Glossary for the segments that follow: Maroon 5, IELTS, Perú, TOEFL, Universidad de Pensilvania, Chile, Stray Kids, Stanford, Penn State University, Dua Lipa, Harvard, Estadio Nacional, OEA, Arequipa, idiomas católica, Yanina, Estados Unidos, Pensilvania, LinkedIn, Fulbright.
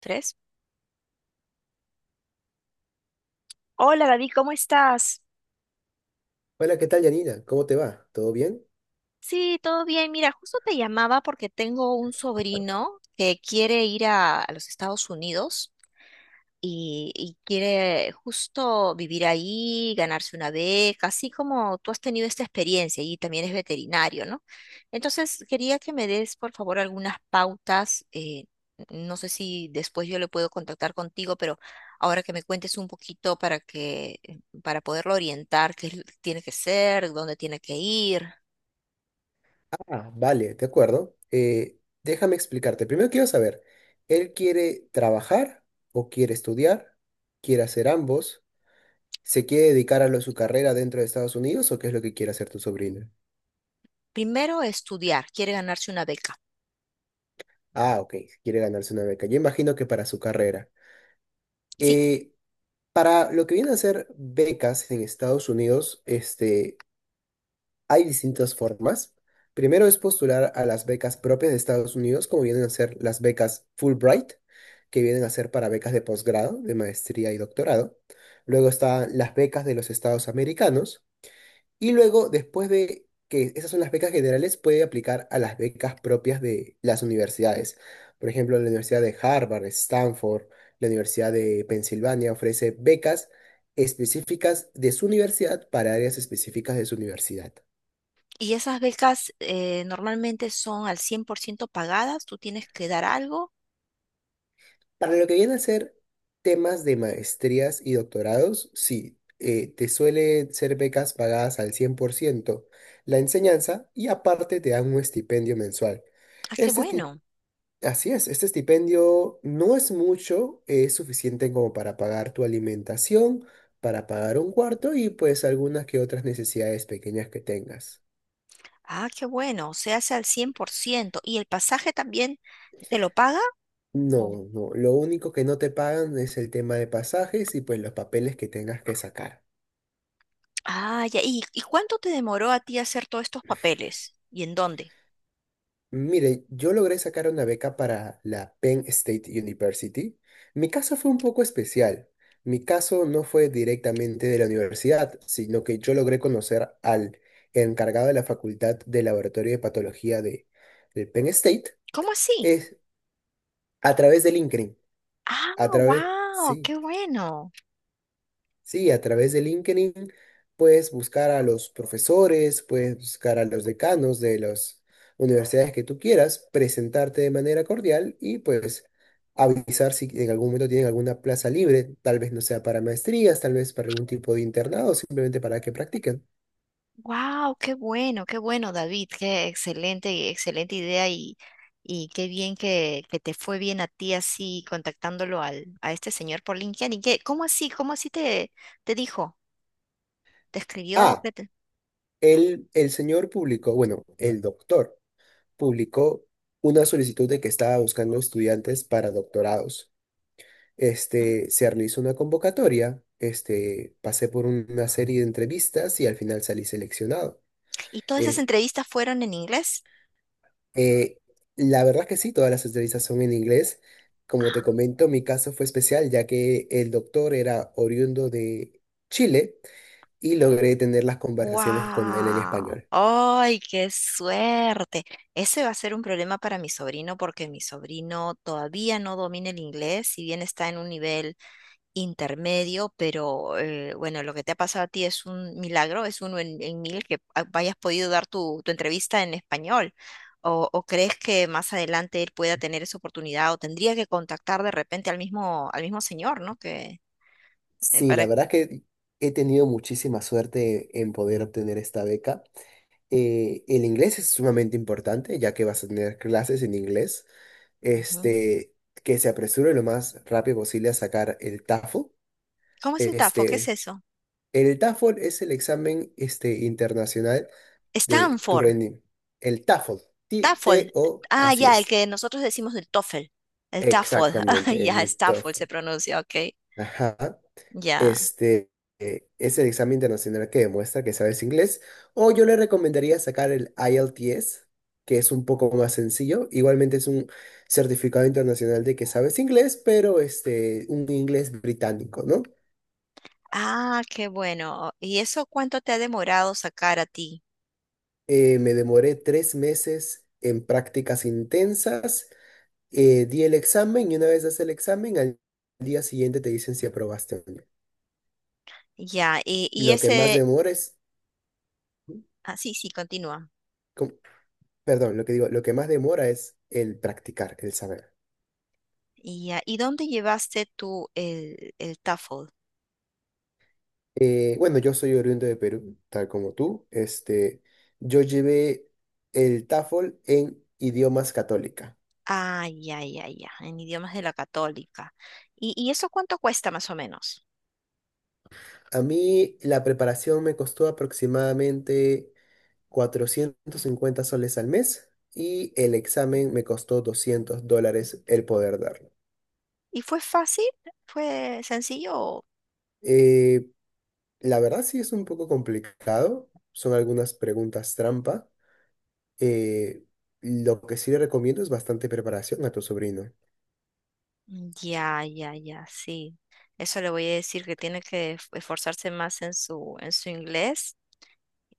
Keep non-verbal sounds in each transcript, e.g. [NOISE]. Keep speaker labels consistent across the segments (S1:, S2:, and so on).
S1: Tres. Hola David, ¿cómo estás?
S2: Hola, ¿qué tal, Yanina? ¿Cómo te va? ¿Todo bien?
S1: Sí, todo bien. Mira, justo te llamaba porque tengo un sobrino que quiere ir a los Estados Unidos y quiere justo vivir ahí, ganarse una beca, así como tú has tenido esta experiencia y también es veterinario, ¿no? Entonces, quería que me des, por favor, algunas pautas. No sé si después yo le puedo contactar contigo, pero ahora que me cuentes un poquito para que, para poderlo orientar, qué es lo que tiene que ser, dónde tiene que ir.
S2: Ah, vale, de acuerdo. Déjame explicarte. Primero quiero saber, ¿él quiere trabajar o quiere estudiar? ¿Quiere hacer ambos? ¿Se quiere dedicar a su carrera dentro de Estados Unidos o qué es lo que quiere hacer tu sobrina?
S1: Primero, estudiar, quiere ganarse una beca.
S2: Ah, ok, quiere ganarse una beca. Yo imagino que para su carrera.
S1: Sí.
S2: Eh, para lo que vienen a ser becas en Estados Unidos, hay distintas formas. Primero es postular a las becas propias de Estados Unidos, como vienen a ser las becas Fulbright, que vienen a ser para becas de posgrado, de maestría y doctorado. Luego están las becas de los Estados americanos. Y luego, después de que esas son las becas generales, puede aplicar a las becas propias de las universidades. Por ejemplo, la Universidad de Harvard, Stanford, la Universidad de Pensilvania ofrece becas específicas de su universidad para áreas específicas de su universidad.
S1: Y esas becas normalmente son al 100% pagadas, ¿tú tienes que dar algo?
S2: Para lo que viene a ser temas de maestrías y doctorados, sí, te suelen ser becas pagadas al 100%, la enseñanza y aparte te dan un estipendio mensual.
S1: Ah, qué
S2: Este esti-
S1: bueno.
S2: Así es, este estipendio no es mucho, es suficiente como para pagar tu alimentación, para pagar un cuarto y pues algunas que otras necesidades pequeñas que tengas.
S1: Ah, qué bueno. Se hace al cien por ciento. ¿Y el pasaje también te lo paga? Oh.
S2: No, no, lo único que no te pagan es el tema de pasajes y pues los papeles que tengas que sacar.
S1: Ah, ya. ¿Y cuánto te demoró a ti hacer todos estos papeles? ¿Y en dónde?
S2: Mire, yo logré sacar una beca para la Penn State University. Mi caso fue un poco especial. Mi caso no fue directamente de la universidad, sino que yo logré conocer al encargado de la Facultad de Laboratorio de Patología de Penn State,
S1: ¿Cómo así?
S2: es, a través de LinkedIn.
S1: Ah,
S2: A través,
S1: wow,
S2: sí,
S1: qué bueno.
S2: sí, a través de LinkedIn puedes buscar a los profesores, puedes buscar a los decanos de las universidades que tú quieras, presentarte de manera cordial y pues avisar si en algún momento tienen alguna plaza libre, tal vez no sea para maestrías, tal vez para algún tipo de internado, simplemente para que practiquen.
S1: Wow, qué bueno, David, qué excelente y excelente idea y qué bien que te fue bien a ti así contactándolo al, a este señor por LinkedIn. ¿Y qué, cómo así te, te dijo? ¿Te escribió?
S2: Ah,
S1: ¿Qué te-?
S2: el señor publicó, bueno, el doctor publicó una solicitud de que estaba buscando estudiantes para doctorados.
S1: ¿Mm?
S2: Se realizó una convocatoria, pasé por una serie de entrevistas y al final salí seleccionado.
S1: ¿Y todas esas
S2: Eh,
S1: entrevistas fueron en inglés?
S2: eh, la verdad que sí, todas las entrevistas son en inglés. Como te comento, mi caso fue especial ya que el doctor era oriundo de Chile y logré tener las conversaciones con él en
S1: Wow,
S2: español.
S1: ¡ay, qué suerte! Ese va a ser un problema para mi sobrino porque mi sobrino todavía no domina el inglés, si bien está en un nivel intermedio, pero bueno, lo que te ha pasado a ti es un milagro, es uno en mil que a- hayas podido dar tu, tu entrevista en español. ¿O, o crees que más adelante él pueda tener esa oportunidad o tendría que contactar de repente al mismo señor, ¿no? Que,
S2: Sí,
S1: para...
S2: la verdad que he tenido muchísima suerte en poder obtener esta beca. El inglés es sumamente importante, ya que vas a tener clases en inglés.
S1: Ujú.
S2: este, que se apresure lo más rápido posible a sacar el TOEFL.
S1: ¿Cómo es el TAFO? ¿Qué es
S2: Este,
S1: eso?
S2: el TOEFL es el examen internacional de tu
S1: Stanford,
S2: rendimiento. El TOEFL, T-
S1: TAFOL.
S2: T-O,
S1: Ah,
S2: así
S1: ya, el
S2: es.
S1: que nosotros decimos el TOEFL. El TAFOL. [LAUGHS]
S2: Exactamente,
S1: Ah, ya,
S2: el
S1: Stafford
S2: TOEFL.
S1: se pronuncia, ok.
S2: Ajá.
S1: Ya.
S2: Este es el examen internacional que demuestra que sabes inglés. O yo le recomendaría sacar el IELTS, que es un poco más sencillo. Igualmente es un certificado internacional de que sabes inglés, pero un inglés británico, ¿no?
S1: Ah, qué bueno. ¿Y eso cuánto te ha demorado sacar a ti?
S2: Me demoré 3 meses en prácticas intensas. Di el examen y una vez das el examen, al día siguiente te dicen si aprobaste o no.
S1: Ya, y
S2: Lo que más
S1: ese,
S2: demora es.
S1: ah, sí, sí, continúa.
S2: ¿Cómo? Perdón, lo que digo, lo que más demora es el practicar, el saber.
S1: Y ya, ¿y dónde llevaste tú el TOEFL?
S2: Bueno, yo soy oriundo de Perú, tal como tú. Yo llevé el TOEFL en idiomas católica.
S1: Ah, ya, ya, ya, en idiomas de la católica. ¿Y eso cuánto cuesta más o menos?
S2: A mí la preparación me costó aproximadamente 450 soles al mes y el examen me costó $200 el poder darlo.
S1: ¿Y fue fácil? ¿Fue sencillo?
S2: Eh, la verdad sí es un poco complicado, son algunas preguntas trampa. Eh, lo que sí le recomiendo es bastante preparación a tu sobrino.
S1: Ya, ya, ya, sí. Eso le voy a decir que tiene que esforzarse más en su inglés.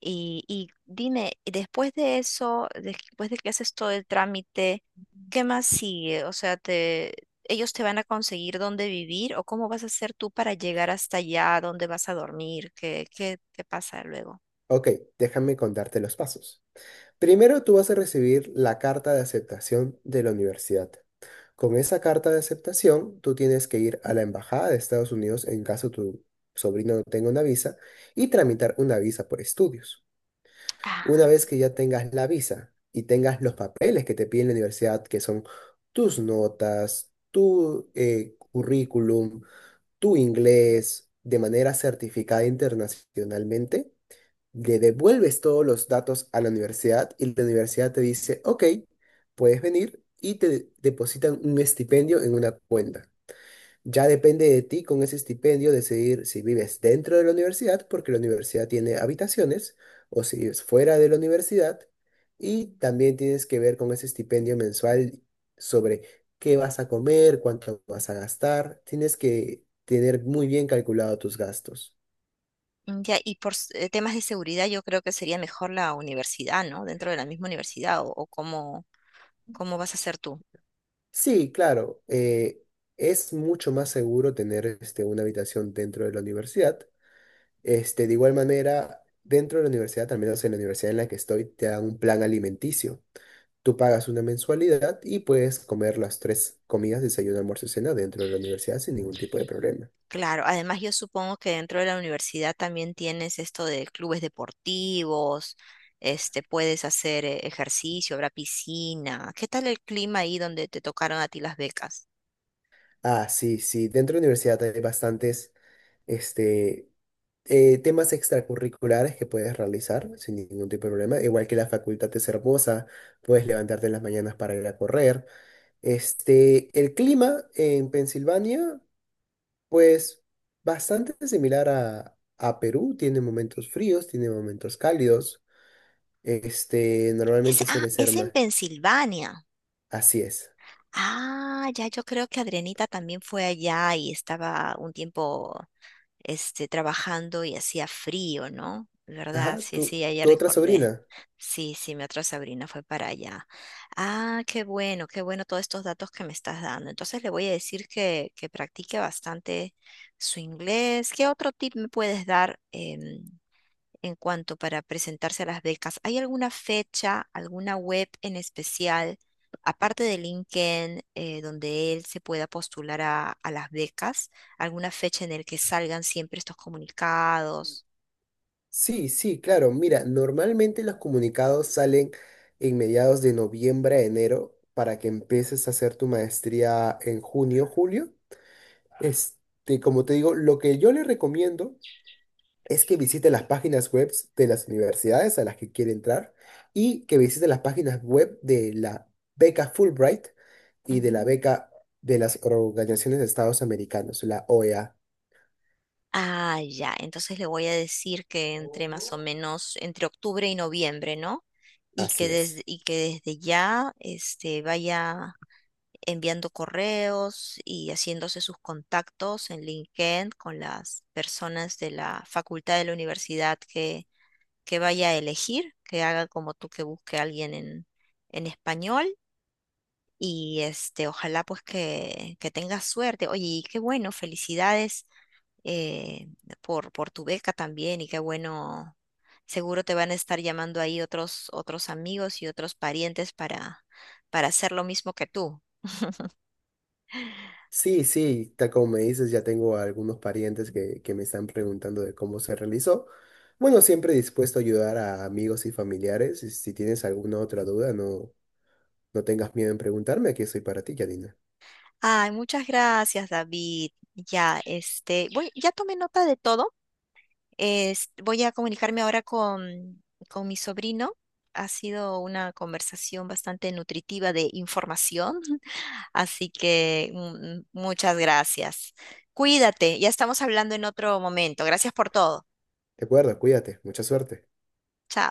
S1: Y dime, y después de eso, después de que haces todo el trámite, ¿qué más sigue? O sea, te, ¿ellos te van a conseguir dónde vivir o cómo vas a hacer tú para llegar hasta allá, dónde vas a dormir? ¿Qué, qué, qué pasa luego?
S2: Ok, déjame contarte los pasos. Primero tú vas a recibir la carta de aceptación de la universidad. Con esa carta de aceptación, tú tienes que ir a la embajada de Estados Unidos en caso tu sobrino no tenga una visa y tramitar una visa por estudios. Una
S1: Ah,
S2: vez que ya tengas la visa y tengas los papeles que te piden la universidad, que son tus notas, tu currículum, tu inglés de manera certificada internacionalmente, le devuelves todos los datos a la universidad y la universidad te dice, ok, puedes venir y te depositan un estipendio en una cuenta. Ya depende de ti con ese estipendio decidir si vives dentro de la universidad, porque la universidad tiene habitaciones, o si vives fuera de la universidad. Y también tienes que ver con ese estipendio mensual sobre qué vas a comer, cuánto vas a gastar. Tienes que tener muy bien calculado tus gastos.
S1: ya, y por s- temas de seguridad, yo creo que sería mejor la universidad, ¿no? Dentro de la misma universidad, o cómo, cómo vas a hacer tú.
S2: Sí, claro. Es mucho más seguro tener una habitación dentro de la universidad. De igual manera, dentro de la universidad, al menos en la universidad en la que estoy, te dan un plan alimenticio. Tú pagas una mensualidad y puedes comer las tres comidas, desayuno, almuerzo y cena dentro de la universidad sin ningún tipo de problema.
S1: Claro, además yo supongo que dentro de la universidad también tienes esto de clubes deportivos, este, puedes hacer ejercicio, habrá piscina. ¿Qué tal el clima ahí donde te tocaron a ti las becas?
S2: Ah, sí, sí. Dentro de la universidad hay bastantes, este, temas extracurriculares que puedes realizar sin ningún tipo de problema, igual que la facultad es hermosa, puedes levantarte en las mañanas para ir a correr. El clima en Pensilvania, pues bastante similar a Perú, tiene momentos fríos, tiene momentos cálidos,
S1: Es-
S2: normalmente
S1: ah,
S2: suele ser
S1: es en
S2: más,
S1: Pensilvania.
S2: así es.
S1: Ah, ya yo creo que Adrianita también fue allá y estaba un tiempo este, trabajando y hacía frío, ¿no? ¿Verdad?
S2: Ajá,
S1: Sí, sí,
S2: tu,
S1: ya, ya
S2: tu otra
S1: recordé.
S2: sobrina.
S1: Sí, sí, mi otra sobrina fue para allá. Ah, qué bueno todos estos datos que me estás dando. Entonces le voy a decir que practique bastante su inglés. ¿Qué otro tip me puedes dar? ¿En cuanto para presentarse a las becas? ¿Hay alguna fecha, alguna web en especial, aparte de LinkedIn, donde él se pueda postular a las becas? ¿Alguna fecha en el que salgan siempre estos comunicados?
S2: Sí, sí, claro. Mira, normalmente los comunicados salen en mediados de noviembre a enero para que empieces a hacer tu maestría en junio, julio. Como te digo, lo que yo le recomiendo es que visite las páginas web de las universidades a las que quiere entrar y que visite las páginas web de la beca Fulbright y de la
S1: Ujú.
S2: beca de las organizaciones de Estados Americanos, la OEA.
S1: Ah, ya, entonces le voy a decir que entre más o menos entre octubre y noviembre, ¿no? Y que
S2: Así
S1: desde,
S2: es.
S1: y que desde ya este, vaya enviando correos y haciéndose sus contactos en LinkedIn con las personas de la facultad de la universidad que vaya a elegir, que haga como tú que busque a alguien en español. Y este, ojalá pues que tengas suerte. Oye, y qué bueno, felicidades eh, por tu beca también y qué bueno. Seguro te van a estar llamando ahí otros, otros amigos y otros parientes para hacer lo mismo que tú.
S2: Sí, sí, tal como me dices, ya tengo a algunos parientes que me están preguntando de cómo se realizó. Bueno, siempre dispuesto a ayudar a amigos y familiares. Y si tienes alguna otra duda, no, no tengas miedo en preguntarme, aquí estoy para ti, Yadina.
S1: Ay, muchas gracias, David. Ya, este, voy, ya tomé nota de todo. Es- voy a comunicarme ahora con mi sobrino. Ha sido una conversación bastante nutritiva de información, [LAUGHS] así que muchas gracias. Cuídate, ya estamos hablando en otro momento. Gracias por todo.
S2: De acuerdo, cuídate, mucha suerte.
S1: Chao.